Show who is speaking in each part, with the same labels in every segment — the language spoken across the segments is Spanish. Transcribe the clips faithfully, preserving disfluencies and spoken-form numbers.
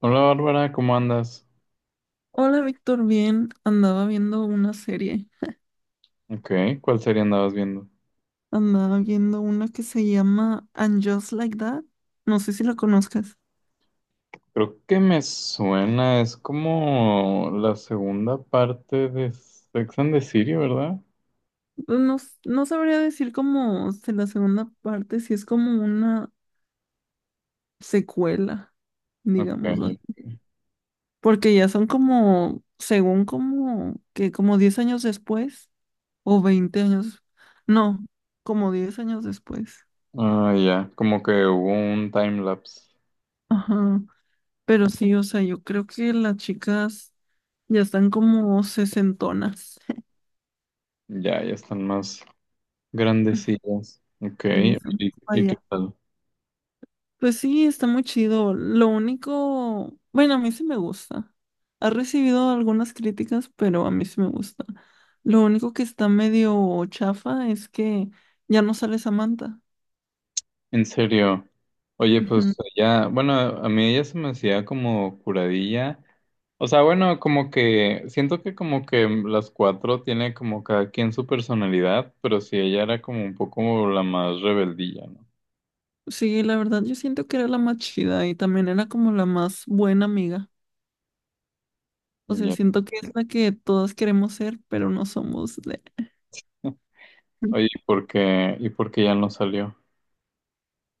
Speaker 1: Hola Bárbara, ¿cómo andas?
Speaker 2: Hola Víctor, bien, andaba viendo una serie,
Speaker 1: Ok, ¿cuál serie andabas viendo?
Speaker 2: andaba viendo una que se llama And Just Like That, no sé si la conozcas.
Speaker 1: Creo que me suena, es como la segunda parte de Sex and the City, ¿verdad?
Speaker 2: Pues no, s- no sabría decir como se- la segunda parte, si es como una secuela, digámoslo,
Speaker 1: Ok,
Speaker 2: porque ya son como, según como, que como diez años después, o veinte años, no, como diez años después.
Speaker 1: ah, ya, como que hubo un time lapse.
Speaker 2: Ajá. Pero sí, o sea, yo creo que las chicas ya están como sesentonas.
Speaker 1: Ya, ya están más grandecillas. Ok,
Speaker 2: Y ya están
Speaker 1: ¿y, y qué
Speaker 2: allá.
Speaker 1: tal?
Speaker 2: Pues sí, está muy chido. Lo único, bueno, a mí sí me gusta. Ha recibido algunas críticas, pero a mí sí me gusta. Lo único que está medio chafa es que ya no sale Samantha.
Speaker 1: En serio. Oye,
Speaker 2: Ujú.
Speaker 1: pues ya, bueno, a mí ella se me hacía como curadilla. O sea, bueno, como que siento que como que las cuatro tiene como cada quien su personalidad, pero sí ella era como un poco la más rebeldilla, ¿no?
Speaker 2: Sí, la verdad, yo siento que era la más chida y también era como la más buena amiga. O sea,
Speaker 1: Ya.
Speaker 2: siento que es la que todas queremos ser, pero no somos de.
Speaker 1: Oye, ¿y por qué, y por qué ya no salió?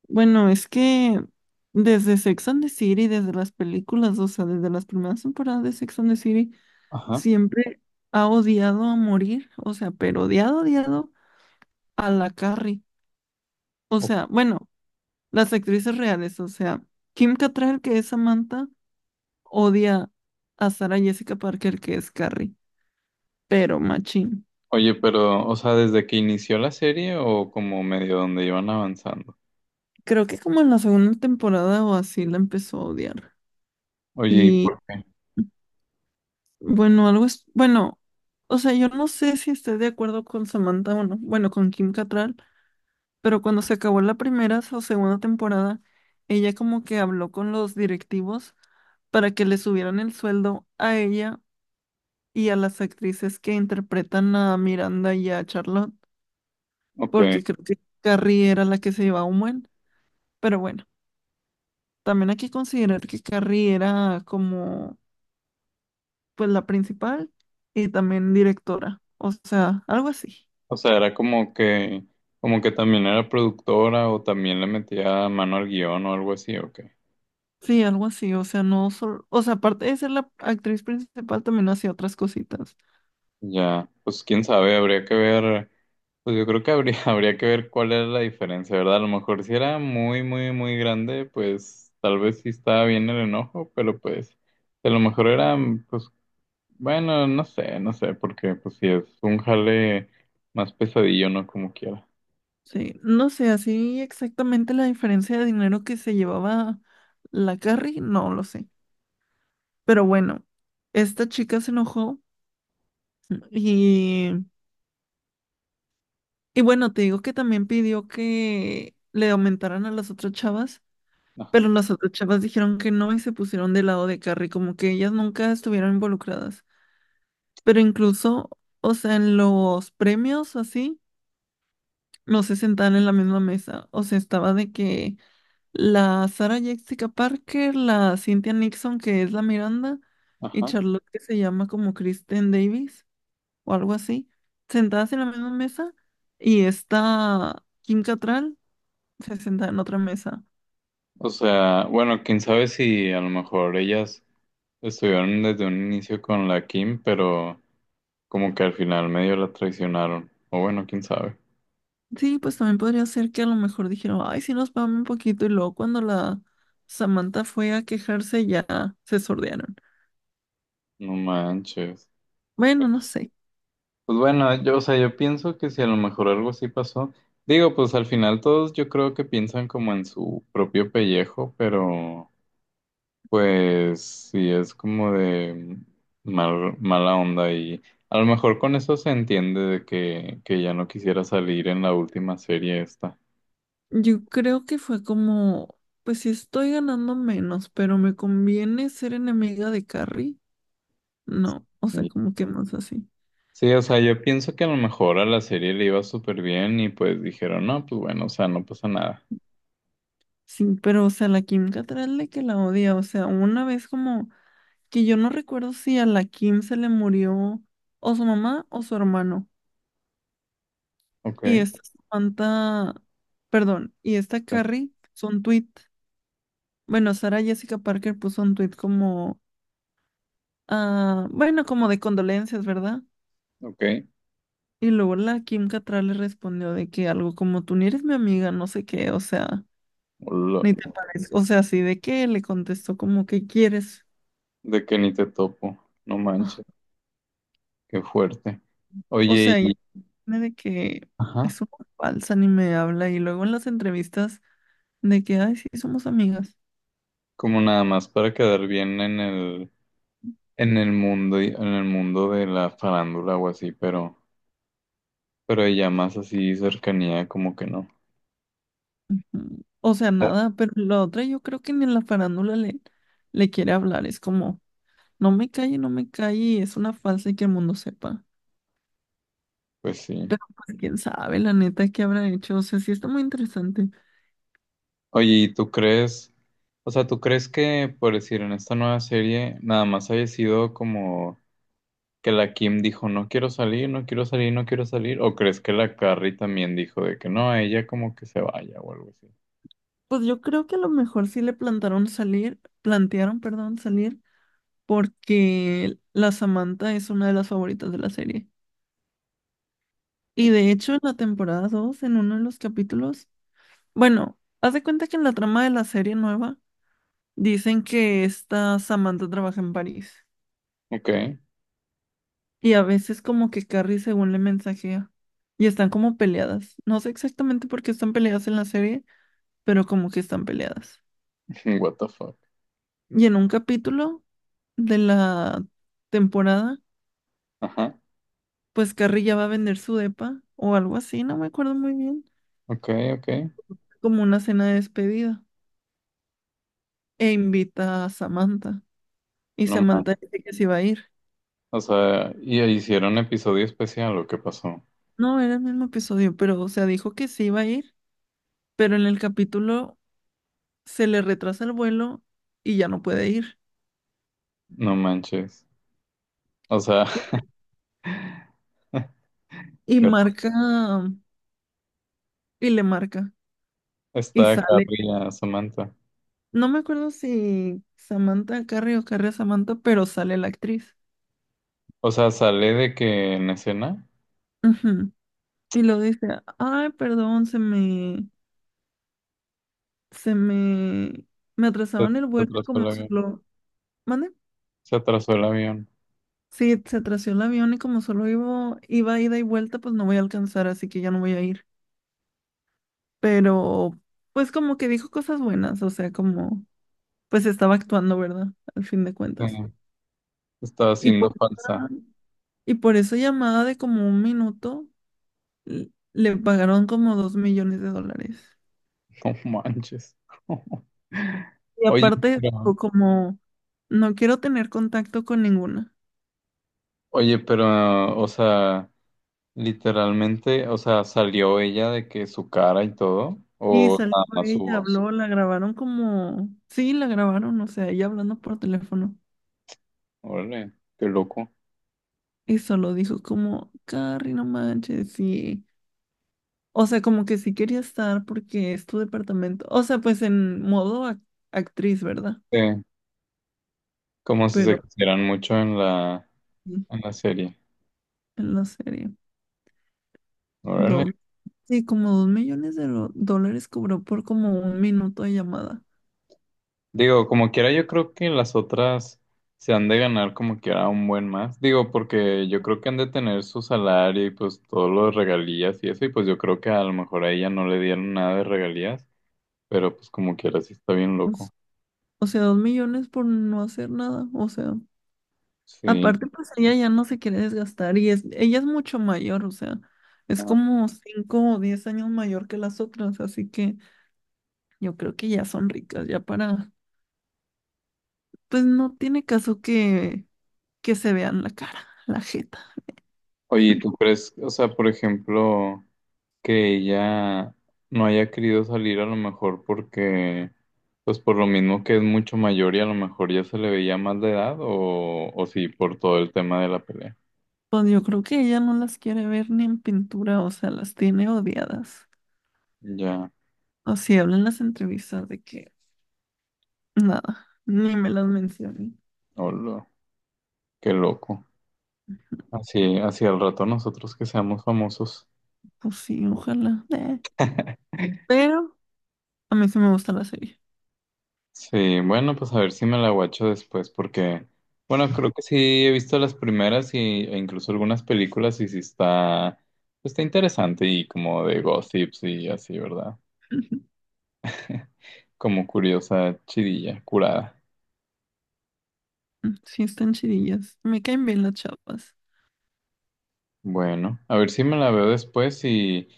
Speaker 2: Bueno, es que desde Sex and the City, desde las películas, o sea, desde las primeras temporadas de Sex and the City,
Speaker 1: Ajá.
Speaker 2: siempre ha odiado a morir, o sea, pero odiado, odiado a la Carrie. O
Speaker 1: O-
Speaker 2: sea, bueno, las actrices reales, o sea, Kim Cattrall, que es Samantha, odia a Sarah Jessica Parker, que es Carrie, pero machín.
Speaker 1: Oye, pero, o sea, ¿desde que inició la serie o como medio donde iban avanzando?
Speaker 2: Creo que como en la segunda temporada o así la empezó a odiar.
Speaker 1: Oye, ¿y por qué?
Speaker 2: Bueno, algo es, bueno, o sea, yo no sé si estoy de acuerdo con Samantha o no, bueno, con Kim Cattrall, pero cuando se acabó la primera o segunda temporada, ella como que habló con los directivos para que le subieran el sueldo a ella y a las actrices que interpretan a Miranda y a Charlotte,
Speaker 1: Ok.
Speaker 2: porque creo que Carrie era la que se llevaba un buen, pero bueno, también hay que considerar que Carrie era como, pues, la principal y también directora, o sea, algo así.
Speaker 1: O sea, era como que, como que también era productora o también le metía mano al guión o algo así, ok.
Speaker 2: Sí, algo así, o sea, no solo, o sea, aparte de ser la actriz principal, también hacía otras cositas.
Speaker 1: Ya, pues quién sabe, habría que ver, pues yo creo que habría, habría que ver cuál era la diferencia, ¿verdad? A lo mejor si era muy, muy, muy grande, pues tal vez sí estaba bien el enojo, pero pues a lo mejor era, pues bueno, no sé, no sé, porque pues sí es un jale más pesadillo, ¿no? Como quiera.
Speaker 2: Sí, no sé, así exactamente la diferencia de dinero que se llevaba la Carrie, no lo sé. Pero bueno, esta chica se enojó y, y bueno, te digo que también pidió que le aumentaran a las otras chavas,
Speaker 1: Ajá,
Speaker 2: pero las otras chavas dijeron que no y se pusieron del lado de Carrie, como que ellas nunca estuvieron involucradas. Pero incluso, o sea, en los premios o así, no se sentaban en la misma mesa. O sea, estaba de que la Sarah Jessica Parker, la Cynthia Nixon, que es la Miranda, y
Speaker 1: ajá.
Speaker 2: Charlotte, que se llama como Kristen Davis o algo así, sentadas en la misma mesa, y esta Kim Cattrall se sentaba en otra mesa.
Speaker 1: O sea, bueno, quién sabe si a lo mejor ellas estuvieron desde un inicio con la Kim, pero como que al final medio la traicionaron, o bueno, quién sabe.
Speaker 2: Sí, pues también podría ser que a lo mejor dijeron, ay, sí nos pagamos un poquito, y luego cuando la Samantha fue a quejarse ya se sordearon.
Speaker 1: No manches.
Speaker 2: Bueno, no sé.
Speaker 1: Pues bueno, yo, o sea, yo pienso que si a lo mejor algo así pasó, digo, pues al final todos yo creo que piensan como en su propio pellejo, pero pues sí es como de mal- mala onda y a lo mejor con eso se entiende de que, que ya no quisiera salir en la última serie esta.
Speaker 2: Yo creo que fue como, pues si estoy ganando menos, pero me conviene ser enemiga de Carrie. No, o sea,
Speaker 1: Y-
Speaker 2: como que más así.
Speaker 1: Sí, o sea, yo pienso que a lo mejor a la serie le iba súper bien y pues dijeron, no, pues bueno, o sea, no pasa nada.
Speaker 2: Sí, pero o sea, la Kim Cattrall de que la odia, o sea, una vez como que yo no recuerdo si a la Kim se le murió o su mamá o su hermano.
Speaker 1: Ok,
Speaker 2: Y esta Samantha, perdón, y esta Carrie puso un tweet. Bueno, Sara Jessica Parker puso un tweet como, ah, bueno, como de condolencias, ¿verdad?
Speaker 1: ok,
Speaker 2: Y luego la Kim Cattrall le respondió de que algo como tú ni eres mi amiga, no sé qué, o sea,
Speaker 1: hola.
Speaker 2: ni te parezco, o sea, así de que le contestó como que quieres.
Speaker 1: De que ni te topo, no
Speaker 2: Ah,
Speaker 1: manches, qué fuerte.
Speaker 2: o
Speaker 1: Oye,
Speaker 2: sea, ella
Speaker 1: y
Speaker 2: tiene de que
Speaker 1: ajá,
Speaker 2: es una falsa ni me habla y luego en las entrevistas de que, ay, sí, somos amigas.
Speaker 1: como nada más para quedar bien en el, en el mundo, y- en el mundo de la farándula o así, pero, pero ya más así cercanía, como que no.
Speaker 2: Mm, O sea, nada, pero la otra yo creo que ni en la farándula le, le quiere hablar, es como, no me calle, no me calle, es una falsa y que el mundo sepa.
Speaker 1: Pues sí.
Speaker 2: Pero pues quién sabe, la neta, qué habrá hecho, o sea, sí está muy interesante.
Speaker 1: Oye, ¿y tú crees, o sea, tú crees que, por decir, en esta nueva serie, nada más haya sido como que la Kim dijo, no quiero salir, no quiero salir, no quiero salir, o crees que la Carrie también dijo de que no, ella como que se vaya o algo así?
Speaker 2: Pues yo creo que a lo mejor sí le plantaron salir, plantearon, perdón, salir, porque la Samantha es una de las favoritas de la serie. Y de hecho, en la temporada dos en uno de los capítulos, bueno, haz de cuenta que en la trama de la serie nueva dicen que esta Samantha trabaja en París.
Speaker 1: Ok.
Speaker 2: Y a veces como que Carrie según le mensajea. Y están como peleadas. No sé exactamente por qué están peleadas en la serie, pero como que están peleadas.
Speaker 1: What the fuck.
Speaker 2: Y en un capítulo de la temporada
Speaker 1: Ajá.
Speaker 2: pues Carrilla va a vender su depa o algo así, no me acuerdo muy bien,
Speaker 1: Ok, ok.
Speaker 2: como una cena de despedida. E invita a Samantha. Y
Speaker 1: No manches.
Speaker 2: Samantha dice que sí va a ir.
Speaker 1: O sea, y hicieron episodio especial o qué pasó.
Speaker 2: No, era el mismo episodio, pero o sea, dijo que sí iba a ir, pero en el capítulo se le retrasa el vuelo y ya no puede ir.
Speaker 1: No manches. O sea,
Speaker 2: Y,
Speaker 1: qué
Speaker 2: y
Speaker 1: raro.
Speaker 2: marca, y le marca, y
Speaker 1: Está
Speaker 2: sale.
Speaker 1: carrilla, Samantha.
Speaker 2: No me acuerdo si Samantha Carrie o Carrie a Samantha, pero sale la actriz.
Speaker 1: O sea, sale de que en escena
Speaker 2: Ujú. Y lo dice, ay, perdón, se me, se me, me atrasaron el
Speaker 1: se
Speaker 2: vuelo y
Speaker 1: atrasó el
Speaker 2: como
Speaker 1: avión.
Speaker 2: solo, ¿mande?
Speaker 1: Se atrasó el avión.
Speaker 2: Sí, se atrasó el avión y como solo iba, iba ida y vuelta, pues no voy a alcanzar, así que ya no voy a ir. Pero, pues como que dijo cosas buenas, o sea, como, pues estaba actuando, ¿verdad? Al fin de cuentas.
Speaker 1: Sí, estaba
Speaker 2: Y
Speaker 1: siendo
Speaker 2: por,
Speaker 1: falsa.
Speaker 2: esa- y por esa llamada de como un minuto, l- le pagaron como dos millones de dólares.
Speaker 1: No manches.
Speaker 2: Y
Speaker 1: Oye,
Speaker 2: aparte,
Speaker 1: pero,
Speaker 2: o como, no quiero tener contacto con ninguna.
Speaker 1: oye, pero, o sea, literalmente, o sea, salió ella de que su cara y todo,
Speaker 2: Sí,
Speaker 1: o
Speaker 2: salió
Speaker 1: nada más su
Speaker 2: ella,
Speaker 1: voz.
Speaker 2: habló, la grabaron como, sí, la grabaron, o sea, ella hablando por teléfono.
Speaker 1: Órale, qué loco.
Speaker 2: Y solo dijo como, Carrie, no manches, sí. O sea, como que sí quería estar porque es tu departamento. O sea, pues en modo ac- actriz, ¿verdad?
Speaker 1: Sí, como si
Speaker 2: Pero
Speaker 1: se quisieran mucho en la,
Speaker 2: sí,
Speaker 1: en la serie.
Speaker 2: en la serie.
Speaker 1: Órale.
Speaker 2: Dos, sí, como dos millones de lo- dólares cobró por como un minuto de llamada.
Speaker 1: Digo, como quiera, yo creo que las otras se han de ganar como quiera un buen más. Digo, porque yo creo que han de tener su salario y pues todos los regalías y eso. Y pues yo creo que a lo mejor a ella no le dieron nada de regalías, pero pues como quiera, sí está bien
Speaker 2: O s-
Speaker 1: loco.
Speaker 2: o sea, dos millones por no hacer nada. O sea.
Speaker 1: Sí.
Speaker 2: Aparte, pues ella ya no se quiere desgastar y es, ella es mucho mayor, o sea, es
Speaker 1: Ah,
Speaker 2: como cinco o diez años mayor que las otras, así que yo creo que ya son ricas, ya para, pues no tiene caso que, que se vean la cara, la jeta.
Speaker 1: oye, ¿y ¿tú crees, o sea, por ejemplo. Que ella no haya querido salir a lo mejor porque, pues por lo mismo que es mucho mayor y a lo mejor ya se le veía más de edad o, o sí, por todo el tema de la pelea.
Speaker 2: Pues yo creo que ella no las quiere ver ni en pintura, o sea, las tiene odiadas.
Speaker 1: Ya,
Speaker 2: Así hablan las entrevistas de que nada, ni me las mencioné.
Speaker 1: hola, qué loco. Así, así al rato nosotros que seamos famosos.
Speaker 2: Pues sí, ojalá. eh. Pero a mí sí me gusta la serie.
Speaker 1: Sí, bueno, pues a ver si me la guacho después porque, bueno, creo que sí he visto las primeras y, e incluso algunas películas y sí está, pues, está interesante y como de gossips y así, ¿verdad? Como curiosa chidilla, curada.
Speaker 2: Mm, sí, están chidillas. Me caen bien las chavas.
Speaker 1: Bueno, a ver si me la veo después y,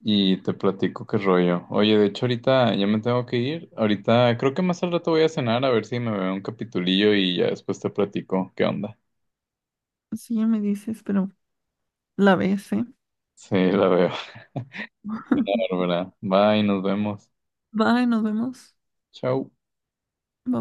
Speaker 1: y te platico qué rollo. Oye, de hecho ahorita ya me tengo que ir. Ahorita creo que más al rato voy a cenar a ver si me veo un capitulillo y ya después te platico qué onda.
Speaker 2: Sí, ya me dices, pero la ves, ¿eh?
Speaker 1: Sí, la veo. Bárbara. Bye, nos vemos.
Speaker 2: Bye, nos vemos.
Speaker 1: Chau.
Speaker 2: Bye.